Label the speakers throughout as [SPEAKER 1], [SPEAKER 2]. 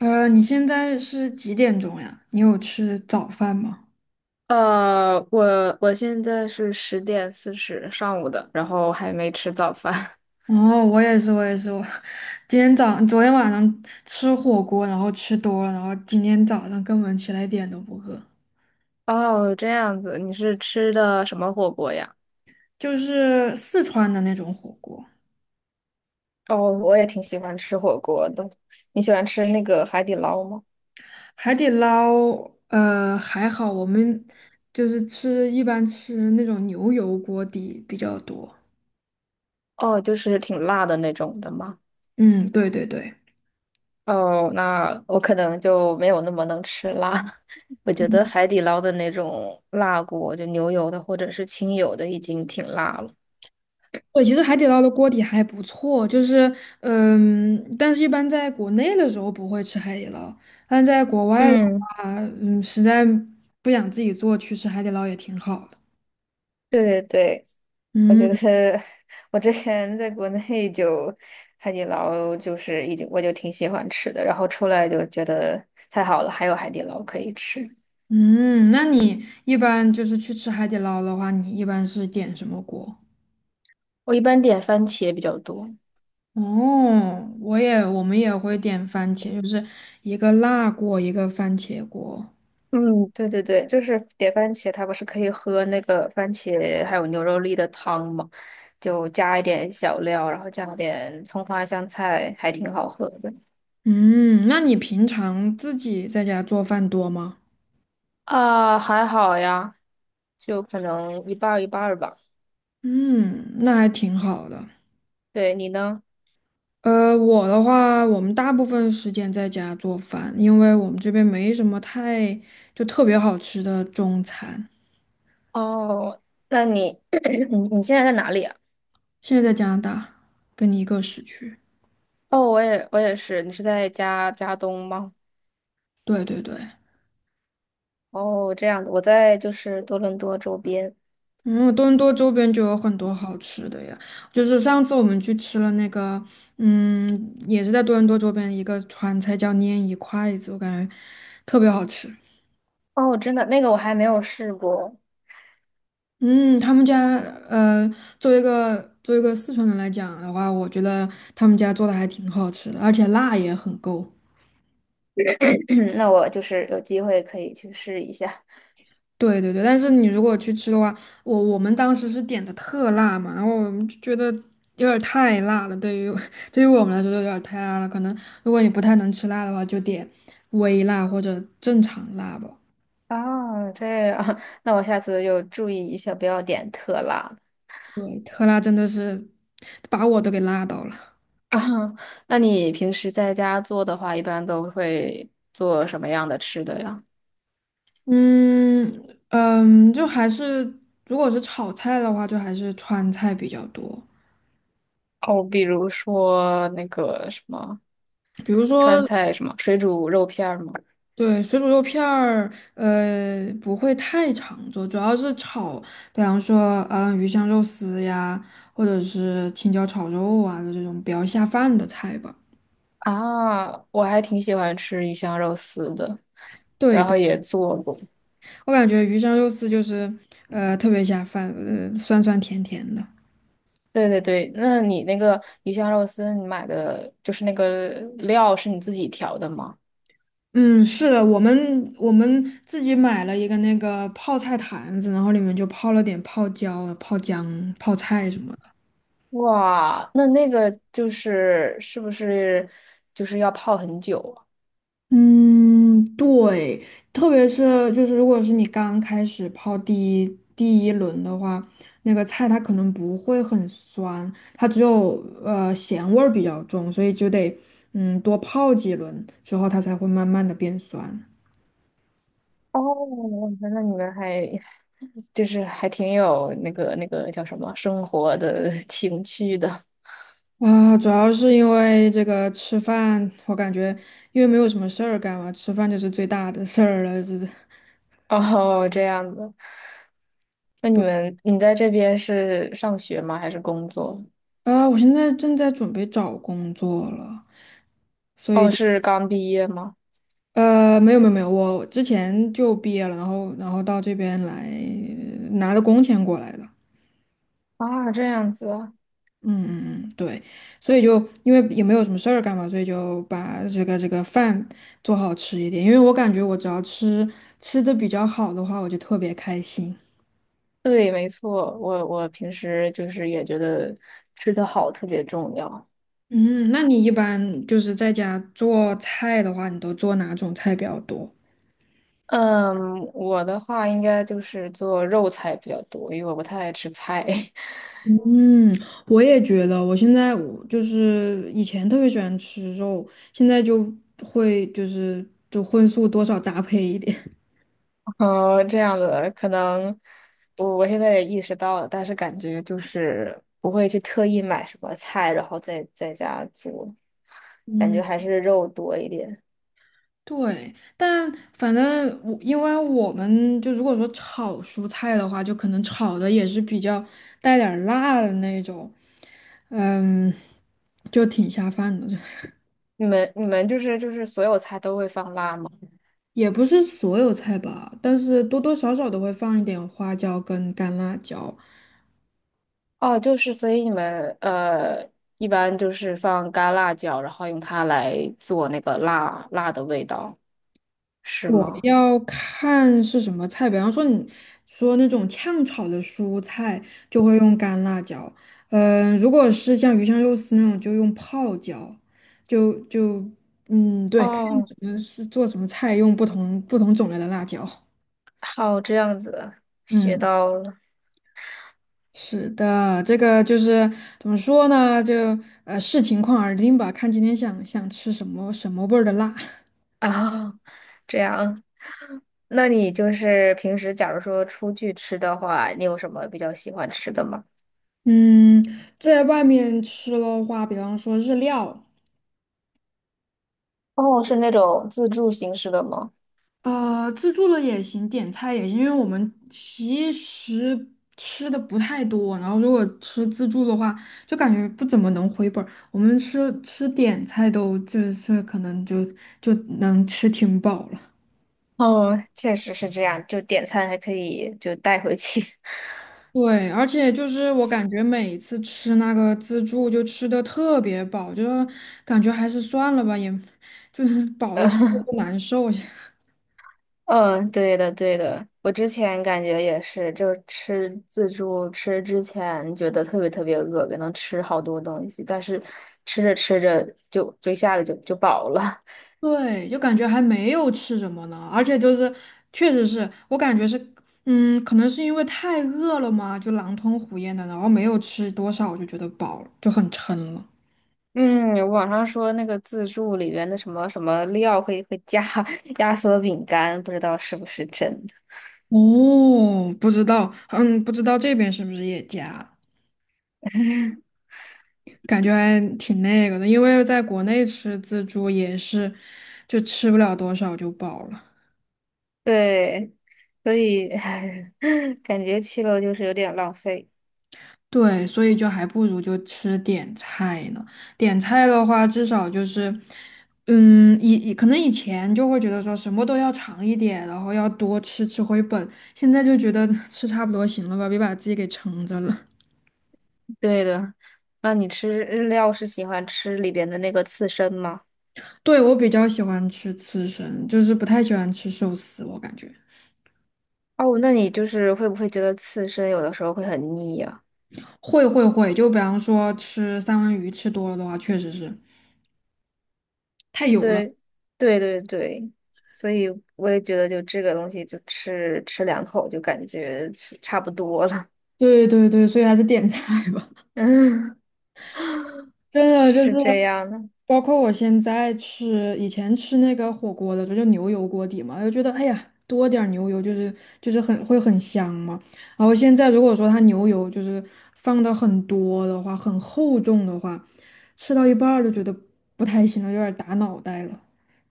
[SPEAKER 1] 你现在是几点钟呀？你有吃早饭吗？
[SPEAKER 2] 呃，我现在是10:40上午的，然后还没吃早饭。
[SPEAKER 1] 哦，我也是，我也是，我今天早昨天晚上吃火锅，然后吃多了，然后今天早上根本起来一点都不饿，
[SPEAKER 2] 哦，这样子，你是吃的什么火锅呀？
[SPEAKER 1] 就是四川的那种火锅，
[SPEAKER 2] 哦，我也挺喜欢吃火锅的。你喜欢吃那个海底捞吗？
[SPEAKER 1] 海底捞，还好，我们就是吃一般吃那种牛油锅底比较多。
[SPEAKER 2] 哦，就是挺辣的那种的吗？
[SPEAKER 1] 嗯，对对对。
[SPEAKER 2] 哦，那我可能就没有那么能吃辣。我觉得海底捞的那种辣锅，就牛油的或者是清油的，已经挺辣了。
[SPEAKER 1] 对，其实海底捞的锅底还不错，就是，嗯，但是一般在国内的时候不会吃海底捞，但在国外的
[SPEAKER 2] 嗯，
[SPEAKER 1] 话，嗯，实在不想自己做，去吃海底捞也挺好的。
[SPEAKER 2] 对对对，我觉
[SPEAKER 1] 嗯
[SPEAKER 2] 得我之前在国内就海底捞就是已经我就挺喜欢吃的，然后出来就觉得太好了，还有海底捞可以吃。
[SPEAKER 1] 嗯，那你一般就是去吃海底捞的话，你一般是点什么锅？
[SPEAKER 2] 我一般点番茄比较多。
[SPEAKER 1] 哦，我也，我们也会点番茄，就是一个辣锅，一个番茄锅。
[SPEAKER 2] 嗯，对对对，就是点番茄，它不是可以喝那个番茄还有牛肉粒的汤嘛，就加一点小料，然后加点葱花香菜，还挺好喝的。
[SPEAKER 1] 嗯，那你平常自己在家做饭多吗？
[SPEAKER 2] 啊，还好呀。就可能一半儿一半儿吧。
[SPEAKER 1] 嗯，那还挺好的。
[SPEAKER 2] 对，你呢？
[SPEAKER 1] 我的话，我们大部分时间在家做饭，因为我们这边没什么太特别好吃的中餐。
[SPEAKER 2] 哦，那你 你现在在哪里啊？
[SPEAKER 1] 现在在加拿大，跟你一个时区。
[SPEAKER 2] 哦，我也是，你是在加加东吗？
[SPEAKER 1] 对对对，
[SPEAKER 2] 哦，这样的，我在就是多伦多周边。
[SPEAKER 1] 嗯，多伦多周边就有很多好吃的呀。就是上次我们去吃了那个，嗯，也是在多伦多周边一个川菜叫拈一筷子，我感觉特别好吃。
[SPEAKER 2] 哦，真的，那个我还没有试过，
[SPEAKER 1] 嗯，他们家呃，作为一个作为一个四川人来讲的话，我觉得他们家做的还挺好吃的，而且辣也很够。
[SPEAKER 2] 那我就是有机会可以去试一下。
[SPEAKER 1] 对对对，但是你如果去吃的话，我们当时是点的特辣嘛，然后我们就觉得有点儿太辣了，对于 对于我们来说有点儿太辣了。可能如果你不太能吃辣的话，就点微辣或者正常辣吧。
[SPEAKER 2] 啊，这样，那我下次就注意一下，不要点特辣。
[SPEAKER 1] 对，特辣真的是把我都给辣到了。
[SPEAKER 2] 啊，那你平时在家做的话，一般都会做什么样的吃的呀？
[SPEAKER 1] 嗯就还是如果是炒菜的话，就还是川菜比较多，
[SPEAKER 2] 哦，比如说那个什么
[SPEAKER 1] 比如
[SPEAKER 2] 川
[SPEAKER 1] 说
[SPEAKER 2] 菜，什么水煮肉片儿吗？
[SPEAKER 1] 对水煮肉片儿，呃，不会太常做，主要是炒，比方说鱼香肉丝呀，或者是青椒炒肉啊，就这种比较下饭的菜吧。
[SPEAKER 2] 啊，我还挺喜欢吃鱼香肉丝的，
[SPEAKER 1] 对
[SPEAKER 2] 然
[SPEAKER 1] 对，
[SPEAKER 2] 后也做过。
[SPEAKER 1] 我感觉鱼香肉丝就是特别下饭，酸酸甜甜的。
[SPEAKER 2] 对对对，那你那个鱼香肉丝，你买的就是那个料是你自己调的吗？
[SPEAKER 1] 嗯，是的，我们自己买了一个那个泡菜坛子，然后里面就泡了点泡椒、泡姜、泡菜什么的。
[SPEAKER 2] 哇，那那个就是是不是就是要泡很久啊
[SPEAKER 1] 嗯，对，特别是就是如果是你刚开始泡第一轮的话，那个菜它可能不会很酸，它只有咸味儿比较重，所以就得多泡几轮之后它才会慢慢的变酸。
[SPEAKER 2] 哦，那你们还 就是还挺有那个那个叫什么生活的 情趣的。
[SPEAKER 1] 啊，主要是因为这个吃饭，我感觉因为没有什么事儿干嘛，吃饭就是最大的事儿了。这，
[SPEAKER 2] 哦，这样子。那你们你在这边是上学吗？还是工作？
[SPEAKER 1] 啊，我现在正在准备找工作了，所以
[SPEAKER 2] 哦，
[SPEAKER 1] 就，
[SPEAKER 2] 是刚毕业吗？
[SPEAKER 1] 没有，我之前就毕业了，然后到这边来拿的工钱过来的。
[SPEAKER 2] 啊，这样子啊。
[SPEAKER 1] 嗯，对，所以就因为也没有什么事儿干嘛，所以就把这个饭做好吃一点，因为我感觉我只要吃的比较好的话，我就特别开心。
[SPEAKER 2] 对，没错，我平时就是也觉得吃得好特别重要。
[SPEAKER 1] 嗯，那你一般就是在家做菜的话，你都做哪种菜比较多？
[SPEAKER 2] 嗯，我的话应该就是做肉菜比较多，因为我不太爱吃菜。
[SPEAKER 1] 嗯，我也觉得，我现在我就是以前特别喜欢吃肉，现在就会就是就荤素多少搭配一点。
[SPEAKER 2] 嗯，这样子可能我现在也意识到了，但是感觉就是不会去特意买什么菜，然后在家做，感觉
[SPEAKER 1] 嗯，
[SPEAKER 2] 还是肉多一点。
[SPEAKER 1] 对，但反正我因为我们就如果说炒蔬菜的话，就可能炒的也是比较带点儿辣的那种，嗯，就挺下饭的。
[SPEAKER 2] 你们就是就是所有菜都会放辣吗？
[SPEAKER 1] 也不是所有菜吧，但是多多少少都会放一点花椒跟干辣椒。
[SPEAKER 2] 哦，就是所以你们呃，一般就是放干辣椒，然后用它来做那个辣辣的味道，是
[SPEAKER 1] 我
[SPEAKER 2] 吗？
[SPEAKER 1] 要看是什么菜，比方说你说那种炝炒的蔬菜，就会用干辣椒。嗯、如果是像鱼香肉丝那种，就用泡椒。就就嗯，对，看
[SPEAKER 2] 哦，
[SPEAKER 1] 什么是做什么菜，用不同种类的辣椒。
[SPEAKER 2] 好，这样子学
[SPEAKER 1] 嗯。
[SPEAKER 2] 到了
[SPEAKER 1] 是的，这个就是怎么说呢？就视情况而定吧，看今天想吃什么什么味儿的辣。
[SPEAKER 2] 啊，这样，那你就是平时假如说出去吃的话，你有什么比较喜欢吃的吗？
[SPEAKER 1] 嗯，在外面吃的话，比方说日料，
[SPEAKER 2] 哦，是那种自助形式的吗？
[SPEAKER 1] 呃，自助的也行，点菜也行，因为我们其实吃的不太多，然后如果吃自助的话，就感觉不怎么能回本儿。我们吃点菜都就是可能就能吃挺饱了。
[SPEAKER 2] 哦，确实是这样，就点餐还可以就带回去。
[SPEAKER 1] 对，而且就是我感觉每次吃那个自助就吃的特别饱，就感觉还是算了吧，也就是 饱的 不难受。
[SPEAKER 2] 嗯，对的，对的，我之前感觉也是，就是吃自助吃之前觉得特别特别饿，可能吃好多东西，但是吃着吃着就一下子就饱了。
[SPEAKER 1] 对，就感觉还没有吃什么呢，而且就是确实是我感觉是，嗯，可能是因为太饿了嘛，就狼吞虎咽的，然后没有吃多少，我就觉得饱了，就很撑了。
[SPEAKER 2] 嗯，网上说那个自助里边的什么什么料会加 压缩饼干，不知道是不是真的。
[SPEAKER 1] 哦，不知道，嗯，不知道这边是不是也加。感觉还挺那个的，因为在国内吃自助也是，就吃不了多少就饱了。
[SPEAKER 2] 对，所以 感觉去了就是有点浪费。
[SPEAKER 1] 对，所以就还不如就吃点菜呢。点菜的话，至少就是，嗯，以可能以前就会觉得说什么都要尝一点，然后要多吃吃回本，现在就觉得 吃差不多行了吧，别把自己给撑着了。
[SPEAKER 2] 对的，那你吃日料是喜欢吃里边的那个刺身吗？
[SPEAKER 1] 对，我比较喜欢吃刺身，就是不太喜欢吃寿司，我感觉。
[SPEAKER 2] 哦，那你就是会不会觉得刺身有的时候会很腻呀？
[SPEAKER 1] 会会会，就比方说吃三文鱼吃多了的话，确实是。太油了。
[SPEAKER 2] 对，对对对，所以我也觉得就这个东西就吃吃两口就感觉吃差不多了。
[SPEAKER 1] 对对对，所以还是点菜吧。
[SPEAKER 2] 嗯，
[SPEAKER 1] 真的就是，
[SPEAKER 2] 是这样的。
[SPEAKER 1] 包括我现在吃，以前吃那个火锅的时候，就牛油锅底嘛，就觉得哎呀，多点儿牛油就是很会很香嘛。然后现在如果说它牛油就是放的很多的话，很厚重的话，吃到一半儿就觉得不太行了，有点儿打脑袋了。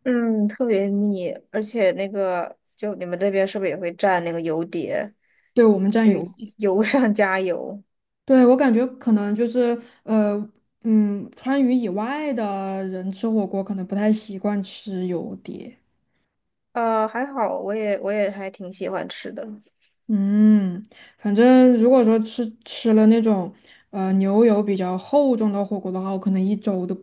[SPEAKER 2] 嗯，特别腻，而且那个就你们这边是不是也会蘸那个油碟，
[SPEAKER 1] 对我们蘸
[SPEAKER 2] 就
[SPEAKER 1] 油，
[SPEAKER 2] 油上加油？
[SPEAKER 1] 对我感觉可能就是呃嗯，川渝以外的人吃火锅可能不太习惯吃油碟。
[SPEAKER 2] 呃，还好，我也还挺喜欢吃的。
[SPEAKER 1] 嗯，反正如果说吃了那种牛油比较厚重的火锅的话，我可能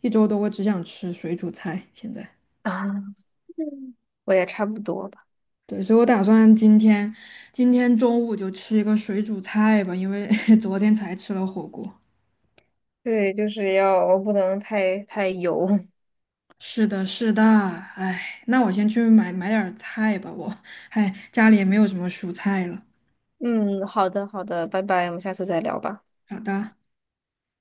[SPEAKER 1] 一周都会只想吃水煮菜。现在，
[SPEAKER 2] 啊，我也差不多吧。
[SPEAKER 1] 对，所以我打算今天中午就吃一个水煮菜吧，因为 昨天才吃了火锅。
[SPEAKER 2] 对，就是要不能太油。
[SPEAKER 1] 是的，是的，哎，那我先去买点儿菜吧，我，哎，家里也没有什么蔬菜了。
[SPEAKER 2] 嗯，好的，好的，拜拜，我们下次再聊吧。
[SPEAKER 1] 好的。